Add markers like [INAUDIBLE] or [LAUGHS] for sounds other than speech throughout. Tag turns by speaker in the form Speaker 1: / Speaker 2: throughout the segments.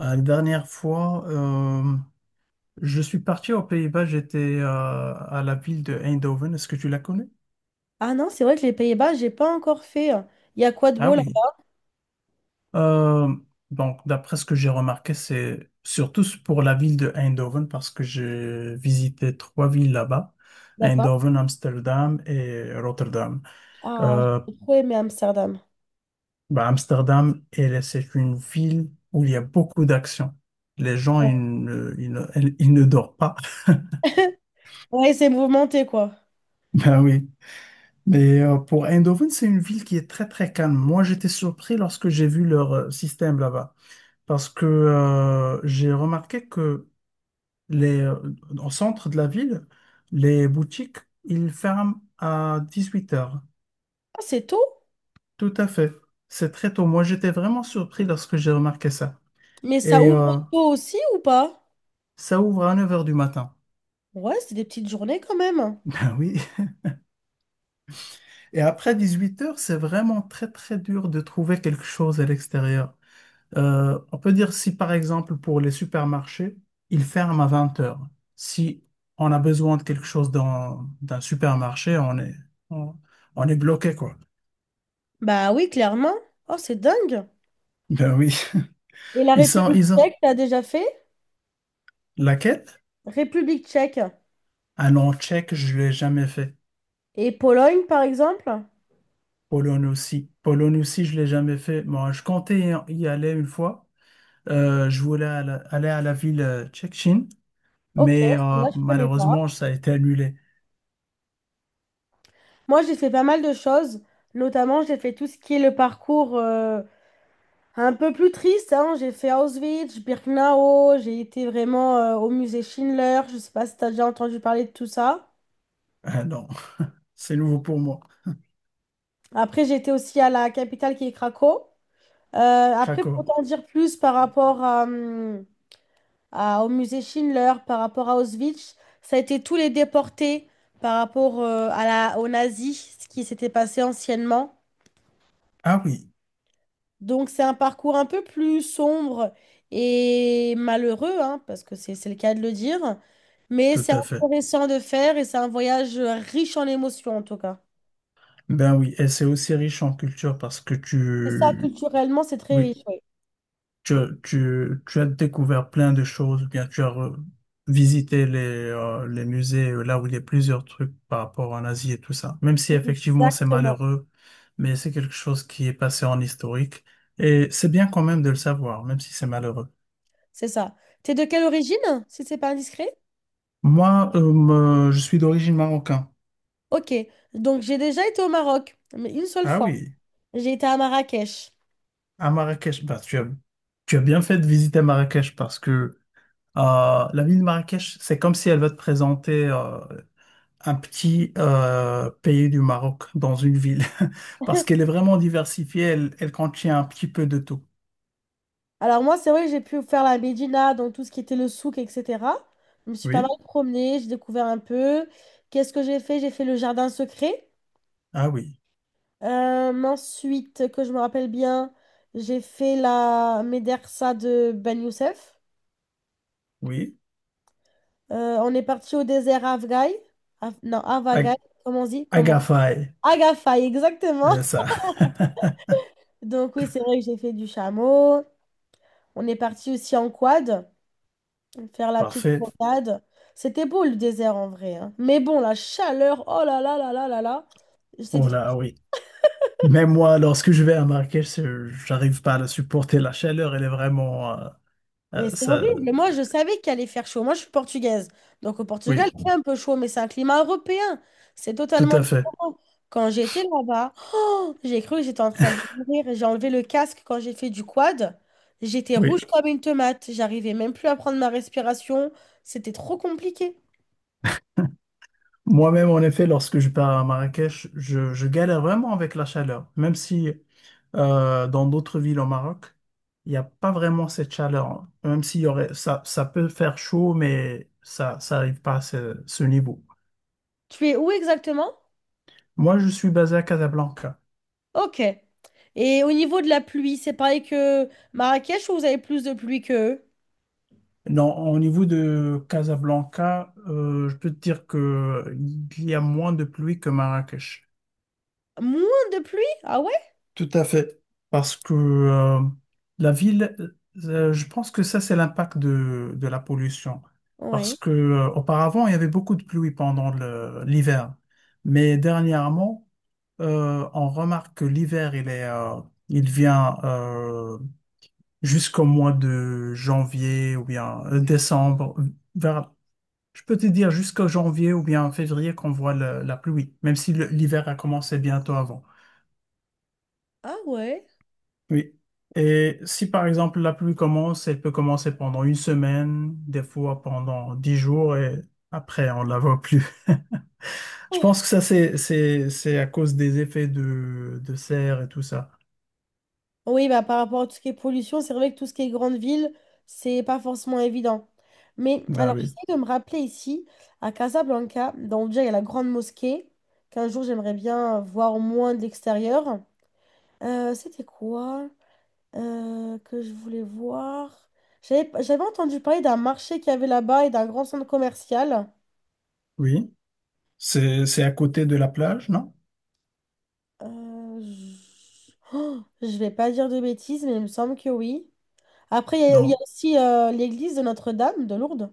Speaker 1: La dernière fois, je suis parti aux Pays-Bas, j'étais à la ville de Eindhoven. Est-ce que tu la connais?
Speaker 2: Ah non, c'est vrai que les Pays-Bas, j'ai pas encore fait, hein. Il y a quoi de
Speaker 1: Ah
Speaker 2: beau
Speaker 1: oui.
Speaker 2: là-bas?
Speaker 1: Euh, donc, d'après ce que j'ai remarqué, c'est surtout pour la ville de Eindhoven parce que j'ai visité trois villes là-bas,
Speaker 2: D'accord.
Speaker 1: Eindhoven, Amsterdam et Rotterdam.
Speaker 2: Ah,
Speaker 1: Euh,
Speaker 2: j'ai trop aimé Amsterdam.
Speaker 1: bah, Amsterdam, elle, c'est une ville où il y a beaucoup d'actions. Les gens,
Speaker 2: Ouais,
Speaker 1: ne, ils ne, ils ne dorment pas. [LAUGHS]
Speaker 2: ouais, c'est mouvementé quoi.
Speaker 1: Ben oui. Mais pour Eindhoven, c'est une ville qui est très très calme. Moi, j'étais surpris lorsque j'ai vu leur système là-bas, parce que j'ai remarqué que les, euh, au centre de la ville, les boutiques, ils ferment à 18 heures.
Speaker 2: Ah, c'est tôt?
Speaker 1: Tout à fait. C'est très tôt. Moi, j'étais vraiment surpris lorsque j'ai remarqué ça.
Speaker 2: Mais ça
Speaker 1: Et
Speaker 2: ouvre tôt aussi ou pas?
Speaker 1: ça ouvre à 9 heures du matin. [LAUGHS]
Speaker 2: Ouais, c'est des petites journées quand même, hein.
Speaker 1: Ah oui. Et après 18 heures, c'est vraiment très très dur de trouver quelque chose à l'extérieur. On peut dire si par exemple pour les supermarchés, ils ferment à 20 heures. Si on a besoin de quelque chose dans d'un supermarché, on, on est bloqué quoi.
Speaker 2: Bah oui, clairement. Oh, c'est dingue.
Speaker 1: Ben oui,
Speaker 2: Et la
Speaker 1: [LAUGHS]
Speaker 2: République
Speaker 1: ils ont
Speaker 2: tchèque, t'as déjà fait?
Speaker 1: laquelle?
Speaker 2: République tchèque.
Speaker 1: Ah non, tchèque, je l'ai jamais fait.
Speaker 2: Et Pologne, par exemple?
Speaker 1: Pologne aussi. Pologne aussi, je l'ai jamais fait. Moi, je comptais y aller une fois. Je voulais aller à la ville tchétchène,
Speaker 2: Ok,
Speaker 1: mais
Speaker 2: celle-là, je connais pas.
Speaker 1: malheureusement, ça a été annulé.
Speaker 2: Moi, j'ai fait pas mal de choses. Notamment, j'ai fait tout ce qui est le parcours. Un peu plus triste, hein, j'ai fait Auschwitz, Birkenau, j'ai été vraiment au musée Schindler, je sais pas si t'as déjà entendu parler de tout ça.
Speaker 1: Ah non, [LAUGHS] c'est nouveau pour moi.
Speaker 2: Après, j'ai été aussi à la capitale qui est Cracow. Euh, Après, pour
Speaker 1: Krakow.
Speaker 2: t'en dire plus par rapport au musée Schindler, par rapport à Auschwitz, ça a été tous les déportés par rapport aux nazis, ce qui s'était passé anciennement.
Speaker 1: Ah oui.
Speaker 2: Donc c'est un parcours un peu plus sombre et malheureux, hein, parce que c'est le cas de le dire, mais
Speaker 1: Tout
Speaker 2: c'est
Speaker 1: à fait.
Speaker 2: intéressant de faire et c'est un voyage riche en émotions en tout cas.
Speaker 1: Ben oui, et c'est aussi riche en culture parce que
Speaker 2: Et ça,
Speaker 1: tu,
Speaker 2: culturellement, c'est très
Speaker 1: oui,
Speaker 2: riche, oui.
Speaker 1: tu, tu as découvert plein de choses, ou bien tu as visité les musées là où il y a plusieurs trucs par rapport en Asie et tout ça. Même si effectivement c'est
Speaker 2: Exactement,
Speaker 1: malheureux, mais c'est quelque chose qui est passé en historique. Et c'est bien quand même de le savoir, même si c'est malheureux.
Speaker 2: c'est ça. T'es de quelle origine, si c'est pas indiscret?
Speaker 1: Moi, je suis d'origine marocaine.
Speaker 2: Ok, donc j'ai déjà été au Maroc, mais une seule
Speaker 1: Ah
Speaker 2: fois.
Speaker 1: oui,
Speaker 2: J'ai été à Marrakech.
Speaker 1: à Marrakech, bah, tu as bien fait de visiter Marrakech parce que la ville de Marrakech, c'est comme si elle veut te présenter un petit pays du Maroc dans une ville, [LAUGHS] parce
Speaker 2: [LAUGHS]
Speaker 1: qu'elle est vraiment diversifiée, elle, elle contient un petit peu de tout.
Speaker 2: Alors moi, c'est vrai que j'ai pu faire la Médina, donc tout ce qui était le souk, etc. Je me suis pas mal
Speaker 1: Oui?
Speaker 2: promenée, j'ai découvert un peu. Qu'est-ce que j'ai fait? J'ai fait le jardin secret.
Speaker 1: Ah oui,
Speaker 2: Ensuite, que je me rappelle bien, j'ai fait la Médersa de Ben Youssef.
Speaker 1: oui.
Speaker 2: On est parti au désert Afghai. Non, Avagai,
Speaker 1: Ag-
Speaker 2: comment on dit? Comment?
Speaker 1: Agafay,
Speaker 2: Agafay, exactement.
Speaker 1: c'est ça. [LAUGHS]
Speaker 2: [LAUGHS] Donc oui, c'est vrai que j'ai fait du chameau. On est parti aussi en quad faire la petite
Speaker 1: Parfait.
Speaker 2: promenade. C'était beau le désert en vrai, hein. Mais bon, la chaleur, oh là là là là là là, c'était
Speaker 1: Oh
Speaker 2: trop.
Speaker 1: là, oui. Mais moi, lorsque je vais à Marrakech, j'arrive pas à la supporter. La chaleur, elle est vraimenteuh,
Speaker 2: Et c'est
Speaker 1: ça...
Speaker 2: horrible. Moi, je savais qu'il allait faire chaud. Moi, je suis portugaise. Donc au Portugal,
Speaker 1: Oui,
Speaker 2: il fait un peu chaud, mais c'est un climat européen. C'est
Speaker 1: tout
Speaker 2: totalement
Speaker 1: à fait.
Speaker 2: différent. Quand j'étais là-bas, oh, j'ai cru que j'étais en train de mourir. J'ai enlevé le casque quand j'ai fait du quad. J'étais rouge
Speaker 1: Oui.
Speaker 2: comme une tomate. J'arrivais même plus à prendre ma respiration. C'était trop compliqué.
Speaker 1: Moi-même, en effet, lorsque je pars à Marrakech, je galère vraiment avec la chaleur. Même si dans d'autres villes au Maroc, il n'y a pas vraiment cette chaleur. Même s'il y aurait, ça peut faire chaud, mais ça n'arrive pas à ce niveau.
Speaker 2: Tu es où exactement?
Speaker 1: Moi, je suis basé à Casablanca.
Speaker 2: Ok. Et au niveau de la pluie, c'est pareil que Marrakech ou vous avez plus de pluie que.
Speaker 1: Non, au niveau de Casablanca, je peux te dire que il y a moins de pluie que Marrakech.
Speaker 2: Moins de pluie? Ah ouais?
Speaker 1: Tout à fait. Parce que la ville, je pense que ça, c'est l'impact de la pollution. Parce
Speaker 2: Ouais.
Speaker 1: que auparavant, il y avait beaucoup de pluie pendant l'hiver. Mais dernièrement, on remarque que l'hiver, il est, il vient jusqu'au mois de janvier ou bien décembre. Vers, je peux te dire jusqu'au janvier ou bien février qu'on voit la pluie, même si l'hiver a commencé bientôt avant.
Speaker 2: Ah ouais.
Speaker 1: Oui. Et si par exemple la pluie commence, elle peut commencer pendant une semaine, des fois pendant dix jours et après on la voit plus. [LAUGHS] Je
Speaker 2: Oh.
Speaker 1: pense que ça c'est à cause des effets de serre et tout ça.
Speaker 2: Oui, bah, par rapport à tout ce qui est pollution, c'est vrai que tout ce qui est grande ville, c'est pas forcément évident. Mais
Speaker 1: Ben
Speaker 2: alors, j'essaie
Speaker 1: oui,
Speaker 2: de me rappeler ici, à Casablanca, donc déjà, il y a la grande mosquée, qu'un jour, j'aimerais bien voir au moins de l'extérieur. C'était quoi? Que je voulais voir. J'avais entendu parler d'un marché qu'il y avait là-bas et d'un grand centre commercial.
Speaker 1: oui. C'est à côté de la plage, non?
Speaker 2: Oh, je vais pas dire de bêtises, mais il me semble que oui. Après, il y a
Speaker 1: Donc
Speaker 2: aussi l'église de Notre-Dame de Lourdes.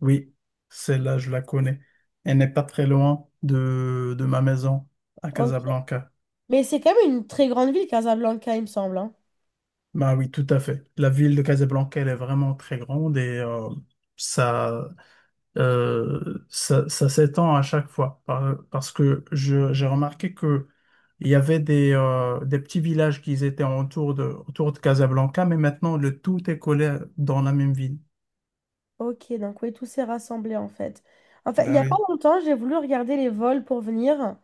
Speaker 1: oui, celle-là je la connais. Elle n'est pas très loin de ma maison à
Speaker 2: Ok.
Speaker 1: Casablanca.
Speaker 2: Mais c'est quand même une très grande ville, Casablanca, il me semble, hein.
Speaker 1: Ben oui, tout à fait. La ville de Casablanca elle est vraiment très grande et ça ça s'étend à chaque fois. Parce que j'ai remarqué que il y avait des petits villages qui étaient autour de Casablanca, mais maintenant le tout est collé dans la même ville.
Speaker 2: Ok, donc oui, tout s'est rassemblé en fait. En fait, il n'y
Speaker 1: Ben
Speaker 2: a pas
Speaker 1: oui.
Speaker 2: longtemps, j'ai voulu regarder les vols pour venir,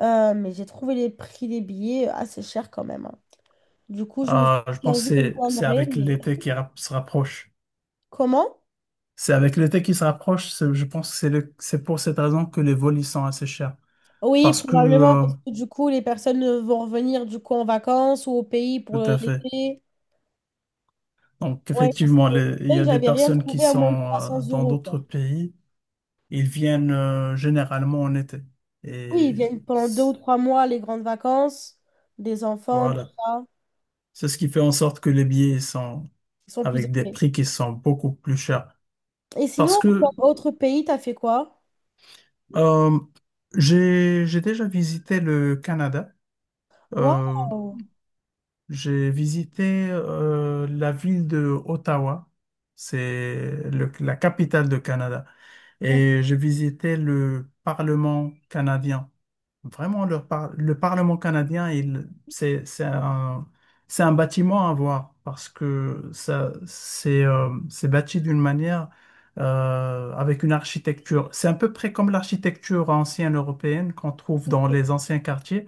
Speaker 2: mais j'ai trouvé les prix des billets assez chers quand même, hein. Du coup, je me suis dit
Speaker 1: Je
Speaker 2: qu'un
Speaker 1: pense que
Speaker 2: jour, je
Speaker 1: c'est
Speaker 2: viendrai,
Speaker 1: avec l'été
Speaker 2: mais.
Speaker 1: qui se rapproche.
Speaker 2: Comment?
Speaker 1: C'est avec l'été qui se rapproche, je pense que c'est c'est pour cette raison que les vols ils sont assez chers.
Speaker 2: Oui,
Speaker 1: Parce que,
Speaker 2: probablement, parce que du coup, les personnes vont revenir du coup en vacances ou au pays pour
Speaker 1: tout à fait.
Speaker 2: l'été.
Speaker 1: Donc,
Speaker 2: Oui, parce
Speaker 1: effectivement,
Speaker 2: que
Speaker 1: il
Speaker 2: c'est
Speaker 1: y
Speaker 2: vrai que
Speaker 1: a des
Speaker 2: j'avais rien
Speaker 1: personnes qui
Speaker 2: trouvé à moins de
Speaker 1: sont
Speaker 2: 300
Speaker 1: dans
Speaker 2: euros,
Speaker 1: d'autres
Speaker 2: quoi.
Speaker 1: pays Ils viennent généralement en été.
Speaker 2: Oui,
Speaker 1: Et
Speaker 2: ils viennent pendant deux
Speaker 1: c-
Speaker 2: ou trois mois, les grandes vacances, des enfants, tout
Speaker 1: voilà.
Speaker 2: ça.
Speaker 1: C'est ce qui fait en sorte que les billets sont
Speaker 2: Ils sont plus
Speaker 1: avec des
Speaker 2: épais.
Speaker 1: prix qui sont beaucoup plus chers.
Speaker 2: Et sinon,
Speaker 1: Parce que
Speaker 2: en autre pays, t'as fait quoi?
Speaker 1: euh, j'ai déjà visité le Canada. Euh,
Speaker 2: Waouh!
Speaker 1: j'ai visité la ville de Ottawa. C'est la capitale du Canada.
Speaker 2: D'accord.
Speaker 1: Et j'ai visité le Parlement canadien. Vraiment, le Parlement canadien, c'est c'est un bâtiment à voir parce que ça, c'est bâti d'une manière, avec une architecture. C'est à peu près comme l'architecture ancienne européenne qu'on trouve dans les anciens quartiers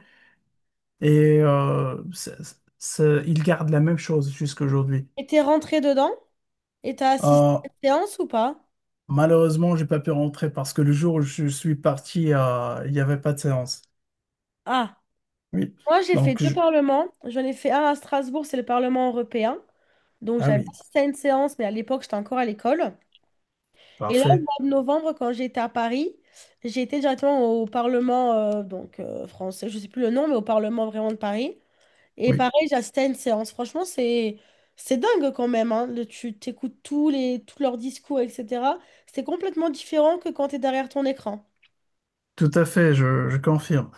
Speaker 1: et il garde la même chose jusqu'à aujourd'hui.
Speaker 2: Et t'es rentré dedans? Et t'as assisté
Speaker 1: Euh,
Speaker 2: à une séance ou pas?
Speaker 1: Malheureusement, j'ai pas pu rentrer parce que le jour où je suis parti, il n'y avait pas de séance.
Speaker 2: Ah.
Speaker 1: Oui.
Speaker 2: Moi, j'ai fait
Speaker 1: Donc,
Speaker 2: deux
Speaker 1: je-
Speaker 2: parlements. J'en ai fait un à Strasbourg, c'est le Parlement européen. Donc,
Speaker 1: ah
Speaker 2: j'avais
Speaker 1: oui,
Speaker 2: assisté à une séance, mais à l'époque, j'étais encore à l'école. Et là, au
Speaker 1: parfait.
Speaker 2: mois de novembre, quand j'étais à Paris, j'ai été directement au Parlement donc, français, je ne sais plus le nom, mais au Parlement vraiment de Paris. Et
Speaker 1: Oui.
Speaker 2: pareil, j'ai assisté à une séance. Franchement, c'est dingue quand même, hein. Tu t'écoutes tous les, tous leurs discours, etc. C'est complètement différent que quand tu es derrière ton écran.
Speaker 1: Tout à fait, je confirme.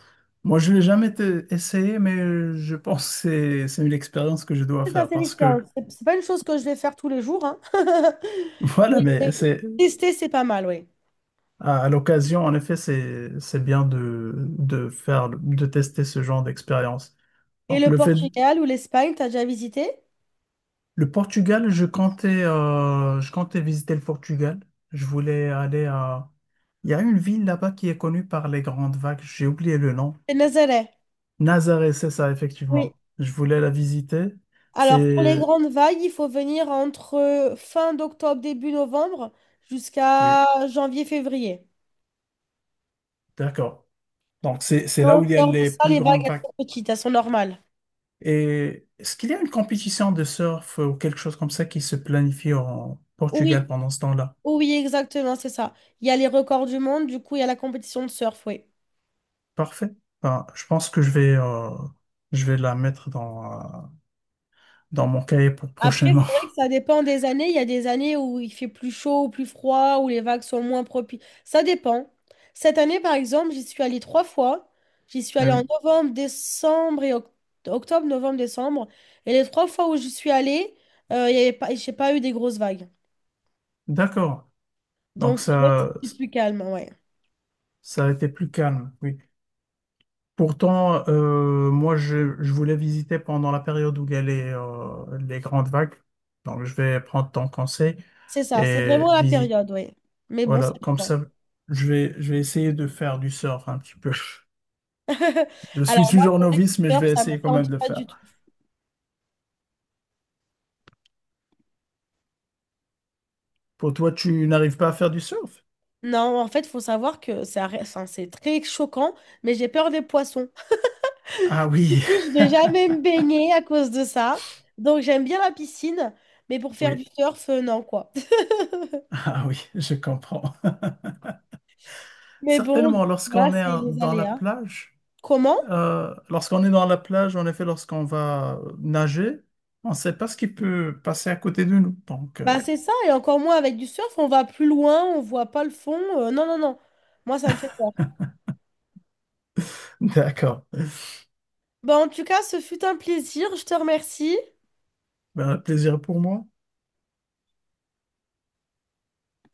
Speaker 1: Moi, je l'ai jamais essayé, mais je pense que c'est une expérience que je dois
Speaker 2: C'est
Speaker 1: faire
Speaker 2: assez
Speaker 1: parce que,
Speaker 2: l'expérience. C'est pas une chose que je vais faire tous les jours, hein. [LAUGHS]
Speaker 1: [LAUGHS]
Speaker 2: Mais
Speaker 1: voilà, mais c'est
Speaker 2: tester, c'est pas mal, oui.
Speaker 1: à l'occasion, en effet, c'est bien de faire, de tester ce genre d'expérience.
Speaker 2: Et
Speaker 1: Donc,
Speaker 2: le
Speaker 1: le fait,
Speaker 2: Portugal ou l'Espagne, t'as déjà visité?
Speaker 1: le Portugal, je comptais visiter le Portugal. Je voulais aller à, Il y a une ville là-bas qui est connue par les grandes vagues, j'ai oublié le nom.
Speaker 2: C'est Nazaré.
Speaker 1: Nazaré, c'est ça,
Speaker 2: Oui.
Speaker 1: effectivement. Je voulais la visiter.
Speaker 2: Alors, pour les
Speaker 1: C'est,
Speaker 2: grandes vagues, il faut venir entre fin d'octobre, début novembre,
Speaker 1: oui.
Speaker 2: jusqu'à janvier-février.
Speaker 1: D'accord. Donc, c'est là
Speaker 2: En
Speaker 1: où il y a
Speaker 2: dehors de
Speaker 1: les
Speaker 2: ça,
Speaker 1: plus
Speaker 2: les vagues,
Speaker 1: grandes
Speaker 2: elles
Speaker 1: vagues.
Speaker 2: sont petites, elles sont normales.
Speaker 1: Et est-ce qu'il y a une compétition de surf ou quelque chose comme ça qui se planifie en Portugal
Speaker 2: Oui,
Speaker 1: pendant ce temps-là?
Speaker 2: oui, exactement, c'est ça. Il y a les records du monde, du coup, il y a la compétition de surf, oui.
Speaker 1: Parfait. Ben, je pense que je vais la mettre dans, dans mon cahier pour
Speaker 2: Après,
Speaker 1: prochainement.
Speaker 2: c'est vrai que
Speaker 1: [LAUGHS]
Speaker 2: ça dépend des années. Il y a des années où il fait plus chaud ou plus froid, où les vagues sont moins propices. Ça dépend. Cette année, par exemple, j'y suis allée trois fois. J'y suis
Speaker 1: Ah
Speaker 2: allée en
Speaker 1: oui.
Speaker 2: novembre, décembre et octobre, novembre, décembre. Et les trois fois où j'y suis allée, il y avait pas, j'ai pas eu des grosses vagues.
Speaker 1: D'accord. Donc,
Speaker 2: Donc, c'est vrai que c'est plus calme, ouais.
Speaker 1: ça a été plus calme. Oui. Pourtant, je voulais visiter pendant la période où il y a les grandes vagues. Donc, je vais prendre ton conseil
Speaker 2: C'est ça, c'est
Speaker 1: et
Speaker 2: vraiment la
Speaker 1: visiter
Speaker 2: période, ouais. Mais bon, ça
Speaker 1: Voilà, comme
Speaker 2: dépend.
Speaker 1: ça, je vais essayer de faire du surf un petit peu.
Speaker 2: [LAUGHS]
Speaker 1: Je suis
Speaker 2: Alors, moi,
Speaker 1: toujours
Speaker 2: c'est vrai que
Speaker 1: novice, mais
Speaker 2: le
Speaker 1: je
Speaker 2: surf,
Speaker 1: vais
Speaker 2: ça me
Speaker 1: essayer quand même
Speaker 2: tente
Speaker 1: de le
Speaker 2: pas
Speaker 1: faire.
Speaker 2: du tout.
Speaker 1: Pour toi, tu n'arrives pas à faire du surf?
Speaker 2: Non, en fait, faut savoir que ça, enfin, c'est très choquant, mais j'ai peur des poissons.
Speaker 1: Ah
Speaker 2: Du
Speaker 1: oui,
Speaker 2: coup, je vais jamais me baigner à cause de ça. Donc, j'aime bien la piscine, mais pour
Speaker 1: [LAUGHS]
Speaker 2: faire du
Speaker 1: oui,
Speaker 2: surf, non, quoi. [LAUGHS]
Speaker 1: oui, je comprends.
Speaker 2: Mais bon,
Speaker 1: Certainement,
Speaker 2: voilà,
Speaker 1: lorsqu'on est
Speaker 2: c'est les
Speaker 1: dans la
Speaker 2: aléas.
Speaker 1: plage,
Speaker 2: Comment?
Speaker 1: en effet, lorsqu'on va nager, on ne sait pas ce qui peut passer à côté de nous. Donc,
Speaker 2: Bah, c'est ça, et encore moins avec du surf, on va plus loin, on voit pas le fond. Non, non, non. Moi, ça me fait peur.
Speaker 1: [LAUGHS] d'accord.
Speaker 2: Bah, en tout cas, ce fut un plaisir, je te remercie.
Speaker 1: Ben, plaisir pour moi.